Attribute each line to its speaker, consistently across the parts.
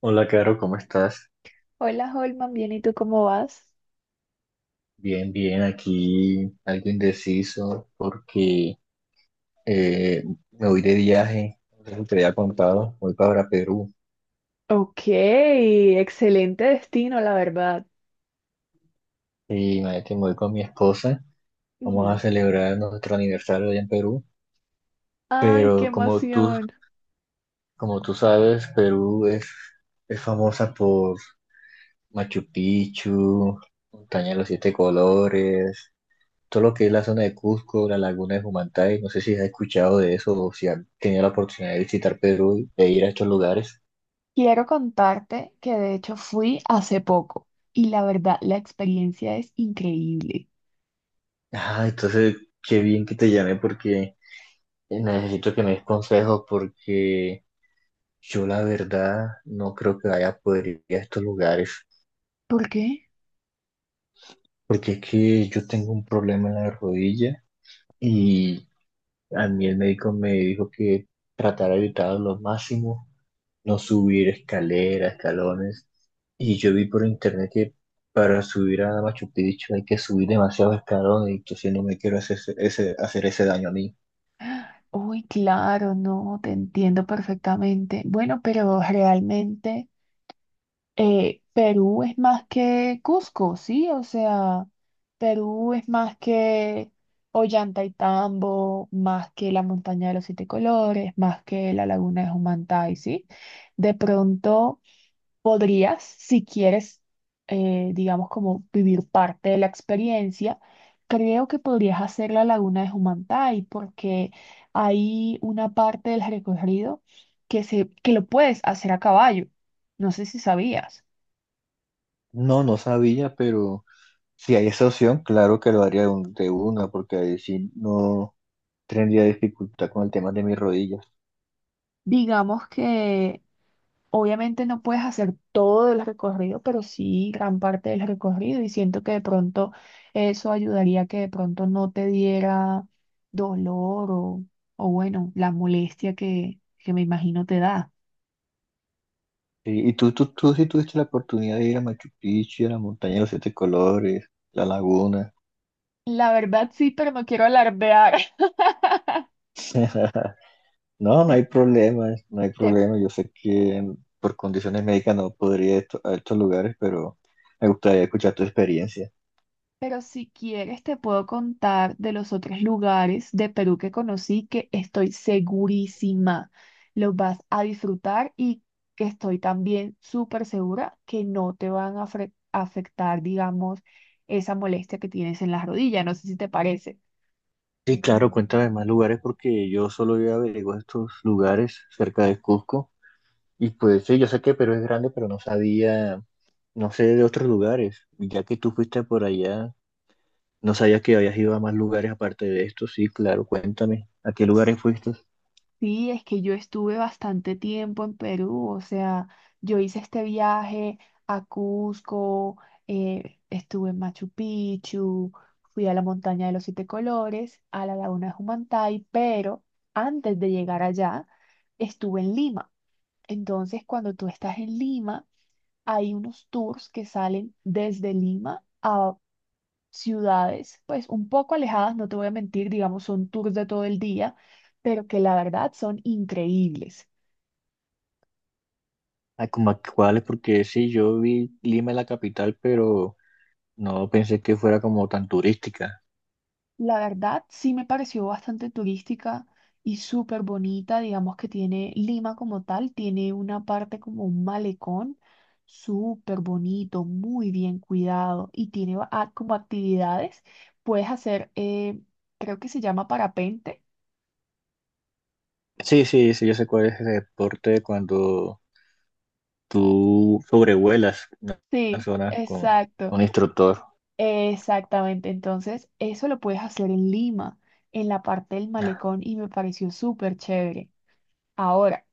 Speaker 1: Hola, Caro, ¿cómo estás?
Speaker 2: Hola, Holman, bien, ¿y tú cómo vas?
Speaker 1: Bien, bien, aquí algo indeciso porque eh, me voy de viaje, como te había contado, voy para Perú
Speaker 2: Ok, excelente destino, la verdad.
Speaker 1: y imagínate, me voy con mi esposa, vamos a
Speaker 2: Ujú.
Speaker 1: celebrar nuestro aniversario allá en Perú,
Speaker 2: Ay, qué
Speaker 1: pero
Speaker 2: emoción.
Speaker 1: como tú sabes, es famosa por Machu Picchu, Montaña de los Siete Colores, todo lo que es la zona de Cusco, la laguna de Humantay, no sé si has escuchado de eso o si has tenido la oportunidad de visitar Perú e ir a estos lugares.
Speaker 2: Quiero contarte que de hecho fui hace poco y la verdad la experiencia es increíble.
Speaker 1: Ah, entonces, qué bien que te llamé porque necesito que me des consejos porque yo la verdad no creo que vaya a poder ir a estos lugares
Speaker 2: ¿Por qué?
Speaker 1: porque es que yo tengo un problema en la rodilla y a mí el médico me dijo que tratara de evitarlo lo máximo, no subir escaleras, escalones. Y yo vi por internet que para subir a Machu Picchu hay que subir demasiados escalones, entonces no me quiero hacer hacer ese daño a mí.
Speaker 2: Uy, claro, no, te entiendo perfectamente. Bueno, pero realmente Perú es más que Cusco, ¿sí? O sea, Perú es más que Ollantaytambo, más que la montaña de los siete colores, más que la laguna de Humantay, ¿sí? De pronto podrías, si quieres, digamos, como vivir parte de la experiencia, creo que podrías hacer la laguna de Humantay porque hay una parte del recorrido que lo puedes hacer a caballo. No sé si sabías.
Speaker 1: No, no sabía, pero si hay esa opción, claro que lo haría de una, porque ahí sí no tendría dificultad con el tema de mis rodillas.
Speaker 2: Digamos que obviamente no puedes hacer todo el recorrido, pero sí gran parte del recorrido y siento que de pronto eso ayudaría a que de pronto no te diera dolor o bueno, la molestia que me imagino te da.
Speaker 1: Y tú sí tuviste la oportunidad de ir a Machu Picchu, a la montaña de los siete colores, la laguna.
Speaker 2: La verdad sí, pero no quiero alardear.
Speaker 1: No, no
Speaker 2: Te,
Speaker 1: hay problema, no hay
Speaker 2: te
Speaker 1: problema. Yo sé que por condiciones médicas no podría ir a a estos lugares, pero me gustaría escuchar tu experiencia.
Speaker 2: Pero si quieres, te puedo contar de los otros lugares de Perú que conocí que estoy segurísima los vas a disfrutar y que estoy también súper segura que no te van a afectar, digamos, esa molestia que tienes en las rodillas. No sé si te parece.
Speaker 1: Sí, claro, cuéntame más lugares porque yo solo había averiguado estos lugares cerca de Cusco. Y pues sí, yo sé que Perú es grande, pero no sabía, no sé de otros lugares. Y ya que tú fuiste por allá, no sabía que habías ido a más lugares aparte de estos. Sí, claro, cuéntame, ¿a qué lugares fuiste?
Speaker 2: Sí, es que yo estuve bastante tiempo en Perú, o sea, yo hice este viaje a Cusco, estuve en Machu Picchu, fui a la montaña de los siete colores, a la laguna de Humantay, pero antes de llegar allá estuve en Lima. Entonces, cuando tú estás en Lima, hay unos tours que salen desde Lima ciudades, pues un poco alejadas, no te voy a mentir, digamos, son tours de todo el día, pero que la verdad son increíbles.
Speaker 1: ¿A como a cuáles? Porque sí, yo vi Lima la capital, pero no pensé que fuera como tan turística.
Speaker 2: La verdad sí me pareció bastante turística y súper bonita, digamos que tiene Lima como tal, tiene una parte como un malecón súper bonito, muy bien cuidado y tiene como actividades, puedes hacer, creo que se llama parapente.
Speaker 1: Sí, sí, sí, yo sé cuál es ese deporte cuando tú sobrevuelas una
Speaker 2: Sí,
Speaker 1: zona con
Speaker 2: exacto.
Speaker 1: un instructor.
Speaker 2: Exactamente, entonces eso lo puedes hacer en Lima, en la parte del malecón y me pareció súper chévere. Ahora,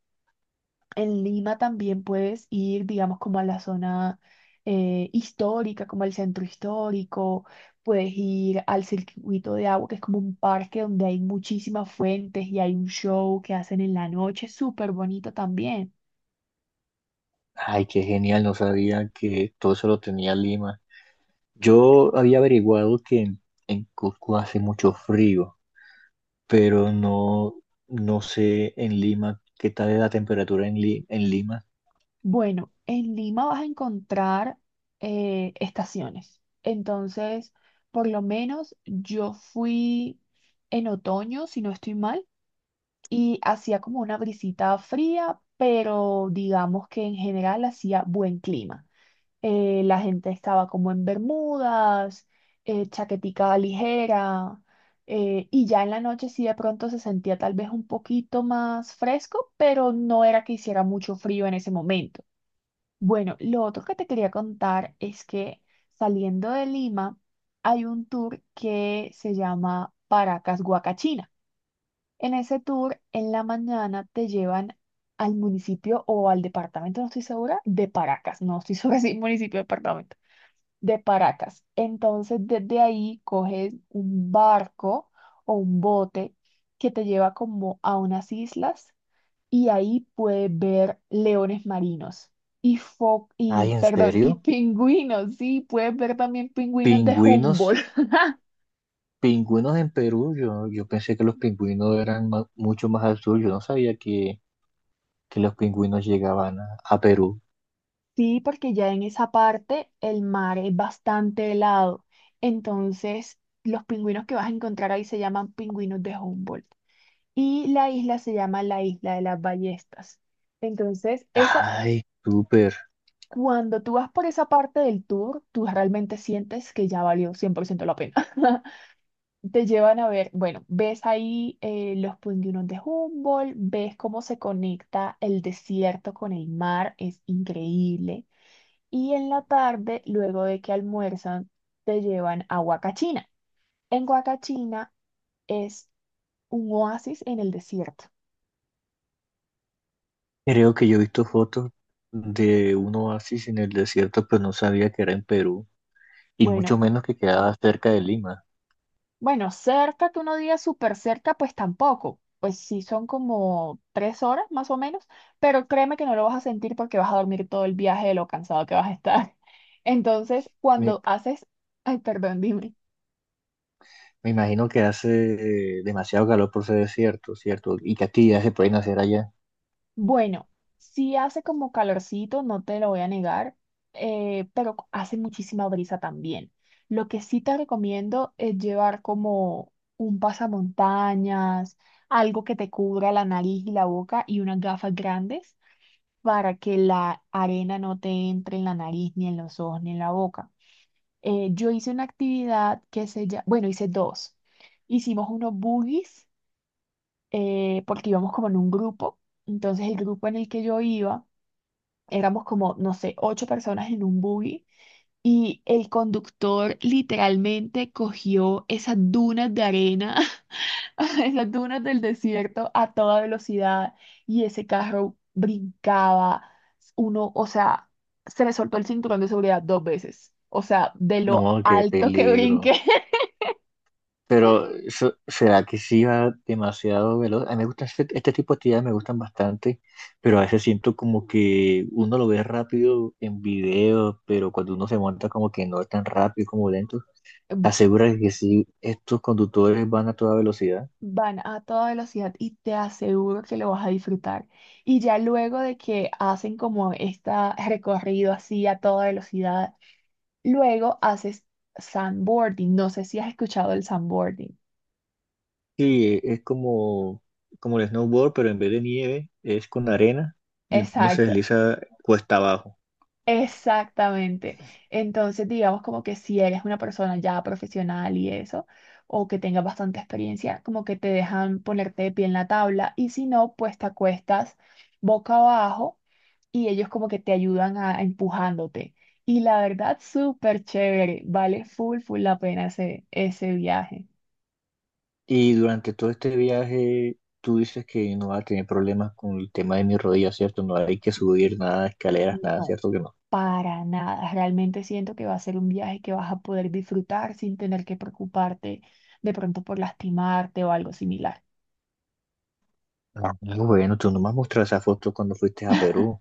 Speaker 2: en Lima también puedes ir, digamos, como a la zona histórica, como al centro histórico, puedes ir al circuito de agua, que es como un parque donde hay muchísimas fuentes y hay un show que hacen en la noche, súper bonito también.
Speaker 1: Ay, qué genial, no sabía que todo eso lo tenía Lima. Yo había averiguado que en Cusco hace mucho frío, pero no, no sé en Lima qué tal es la temperatura en Lima.
Speaker 2: Bueno, en Lima vas a encontrar estaciones. Entonces, por lo menos yo fui en otoño, si no estoy mal, y hacía como una brisita fría, pero digamos que en general hacía buen clima. La gente estaba como en bermudas, chaquetica ligera, y ya en la noche sí de pronto se sentía tal vez un poquito más fresco, pero no era que hiciera mucho frío en ese momento. Bueno, lo otro que te quería contar es que saliendo de Lima hay un tour que se llama Paracas Huacachina. En ese tour, en la mañana te llevan al municipio o al departamento, no estoy segura, de Paracas. No estoy segura si municipio o departamento, de Paracas. Entonces, desde ahí coges un barco o un bote que te lleva como a unas islas y ahí puede ver leones marinos y y
Speaker 1: Ay, ¿en
Speaker 2: perdón, y
Speaker 1: serio?
Speaker 2: pingüinos, sí, puedes ver también pingüinos de
Speaker 1: Pingüinos.
Speaker 2: Humboldt.
Speaker 1: Pingüinos en Perú, yo pensé que los pingüinos eran mucho más al sur, yo no sabía que los pingüinos llegaban a Perú.
Speaker 2: Sí, porque ya en esa parte el mar es bastante helado. Entonces, los pingüinos que vas a encontrar ahí se llaman pingüinos de Humboldt. Y la isla se llama la isla de las ballestas. Entonces, esa,
Speaker 1: Ay, súper.
Speaker 2: cuando tú vas por esa parte del tour, tú realmente sientes que ya valió 100% la pena. Te llevan a ver, bueno, ves ahí los pingüinos de Humboldt, ves cómo se conecta el desierto con el mar, es increíble. Y en la tarde, luego de que almuerzan, te llevan a Huacachina. En Huacachina es un oasis en el desierto.
Speaker 1: Creo que yo he visto fotos de un oasis en el desierto, pero no sabía que era en Perú, y mucho
Speaker 2: Bueno,
Speaker 1: menos que quedaba cerca de Lima.
Speaker 2: Bueno, cerca, que uno diga súper cerca, pues tampoco. Pues sí son como 3 horas más o menos, pero créeme que no lo vas a sentir porque vas a dormir todo el viaje de lo cansado que vas a estar. Entonces,
Speaker 1: Me,
Speaker 2: cuando haces, ay, perdón, dime.
Speaker 1: me imagino que hace demasiado calor por ese desierto, ¿cierto? ¿Y que actividades se pueden hacer allá?
Speaker 2: Bueno, sí hace como calorcito, no te lo voy a negar, pero hace muchísima brisa también. Lo que sí te recomiendo es llevar como un pasamontañas, algo que te cubra la nariz y la boca y unas gafas grandes para que la arena no te entre en la nariz, ni en los ojos, ni en la boca. Yo hice una actividad que se llama, bueno, hice dos. Hicimos unos boogies porque íbamos como en un grupo. Entonces el grupo en el que yo iba, éramos como, no sé, 8 personas en un buggy y el conductor literalmente cogió esas dunas de arena en las dunas del desierto a toda velocidad y ese carro brincaba. Uno, o sea, se me soltó el cinturón de seguridad 2 veces. O sea, de lo
Speaker 1: No, qué
Speaker 2: alto que brinqué,
Speaker 1: peligro. Pero, ¿será que sí va demasiado veloz? A mí me gustan este tipo de actividades, me gustan bastante, pero a veces siento como que uno lo ve rápido en videos, pero cuando uno se monta como que no es tan rápido como lento, asegura que sí, estos conductores van a toda velocidad.
Speaker 2: van a toda velocidad y te aseguro que lo vas a disfrutar. Y ya luego de que hacen como este recorrido así a toda velocidad, luego haces sandboarding. No sé si has escuchado el sandboarding.
Speaker 1: Sí, es como, como el snowboard, pero en vez de nieve es con arena y uno se
Speaker 2: Exacto.
Speaker 1: desliza cuesta abajo.
Speaker 2: Exactamente. Entonces, digamos como que si eres una persona ya profesional y eso, o que tenga bastante experiencia, como que te dejan ponerte de pie en la tabla y si no, pues te acuestas boca abajo y ellos como que te ayudan a empujándote. Y la verdad, súper chévere. Vale full, full la pena ese viaje.
Speaker 1: Y durante todo este viaje, tú dices que no vas a tener problemas con el tema de mi rodilla, ¿cierto? No hay que subir nada, escaleras, nada,
Speaker 2: No,
Speaker 1: ¿cierto que no?
Speaker 2: para nada. Realmente siento que va a ser un viaje que vas a poder disfrutar sin tener que preocuparte de pronto por lastimarte o algo similar.
Speaker 1: Ah, bueno, tú no me has mostrado esa foto cuando fuiste a Perú.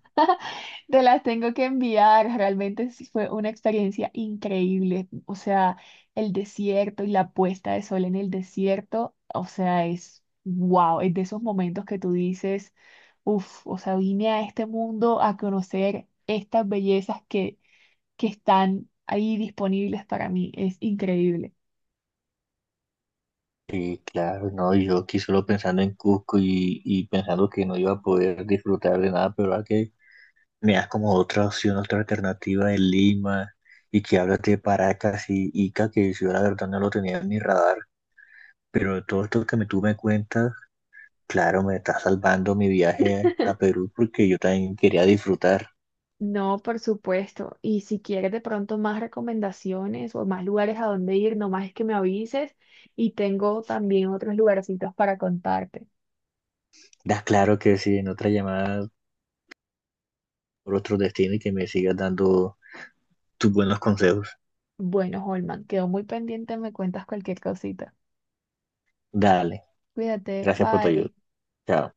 Speaker 2: Te las tengo que enviar, realmente sí fue una experiencia increíble. O sea, el desierto y la puesta de sol en el desierto, o sea, es wow, es de esos momentos que tú dices, uff, o sea, vine a este mundo a conocer estas bellezas que están ahí disponibles para mí, es increíble.
Speaker 1: Sí, claro, no, yo aquí solo pensando en Cusco y pensando que no iba a poder disfrutar de nada, pero ahora que me das como otra opción, otra alternativa en Lima y que hablas de Paracas y Ica, que si yo la verdad no lo tenía en mi radar, pero todo esto que tú me cuentas, claro, me está salvando mi viaje a Perú porque yo también quería disfrutar.
Speaker 2: No, por supuesto. Y si quieres de pronto más recomendaciones o más lugares a donde ir, nomás es que me avises y tengo también otros lugarcitos para contarte.
Speaker 1: Da, claro que sí, en otra llamada por otro destino y que me sigas dando tus buenos consejos.
Speaker 2: Bueno, Holman, quedo muy pendiente, me cuentas cualquier cosita.
Speaker 1: Dale,
Speaker 2: Cuídate,
Speaker 1: gracias por tu ayuda.
Speaker 2: bye.
Speaker 1: Chao.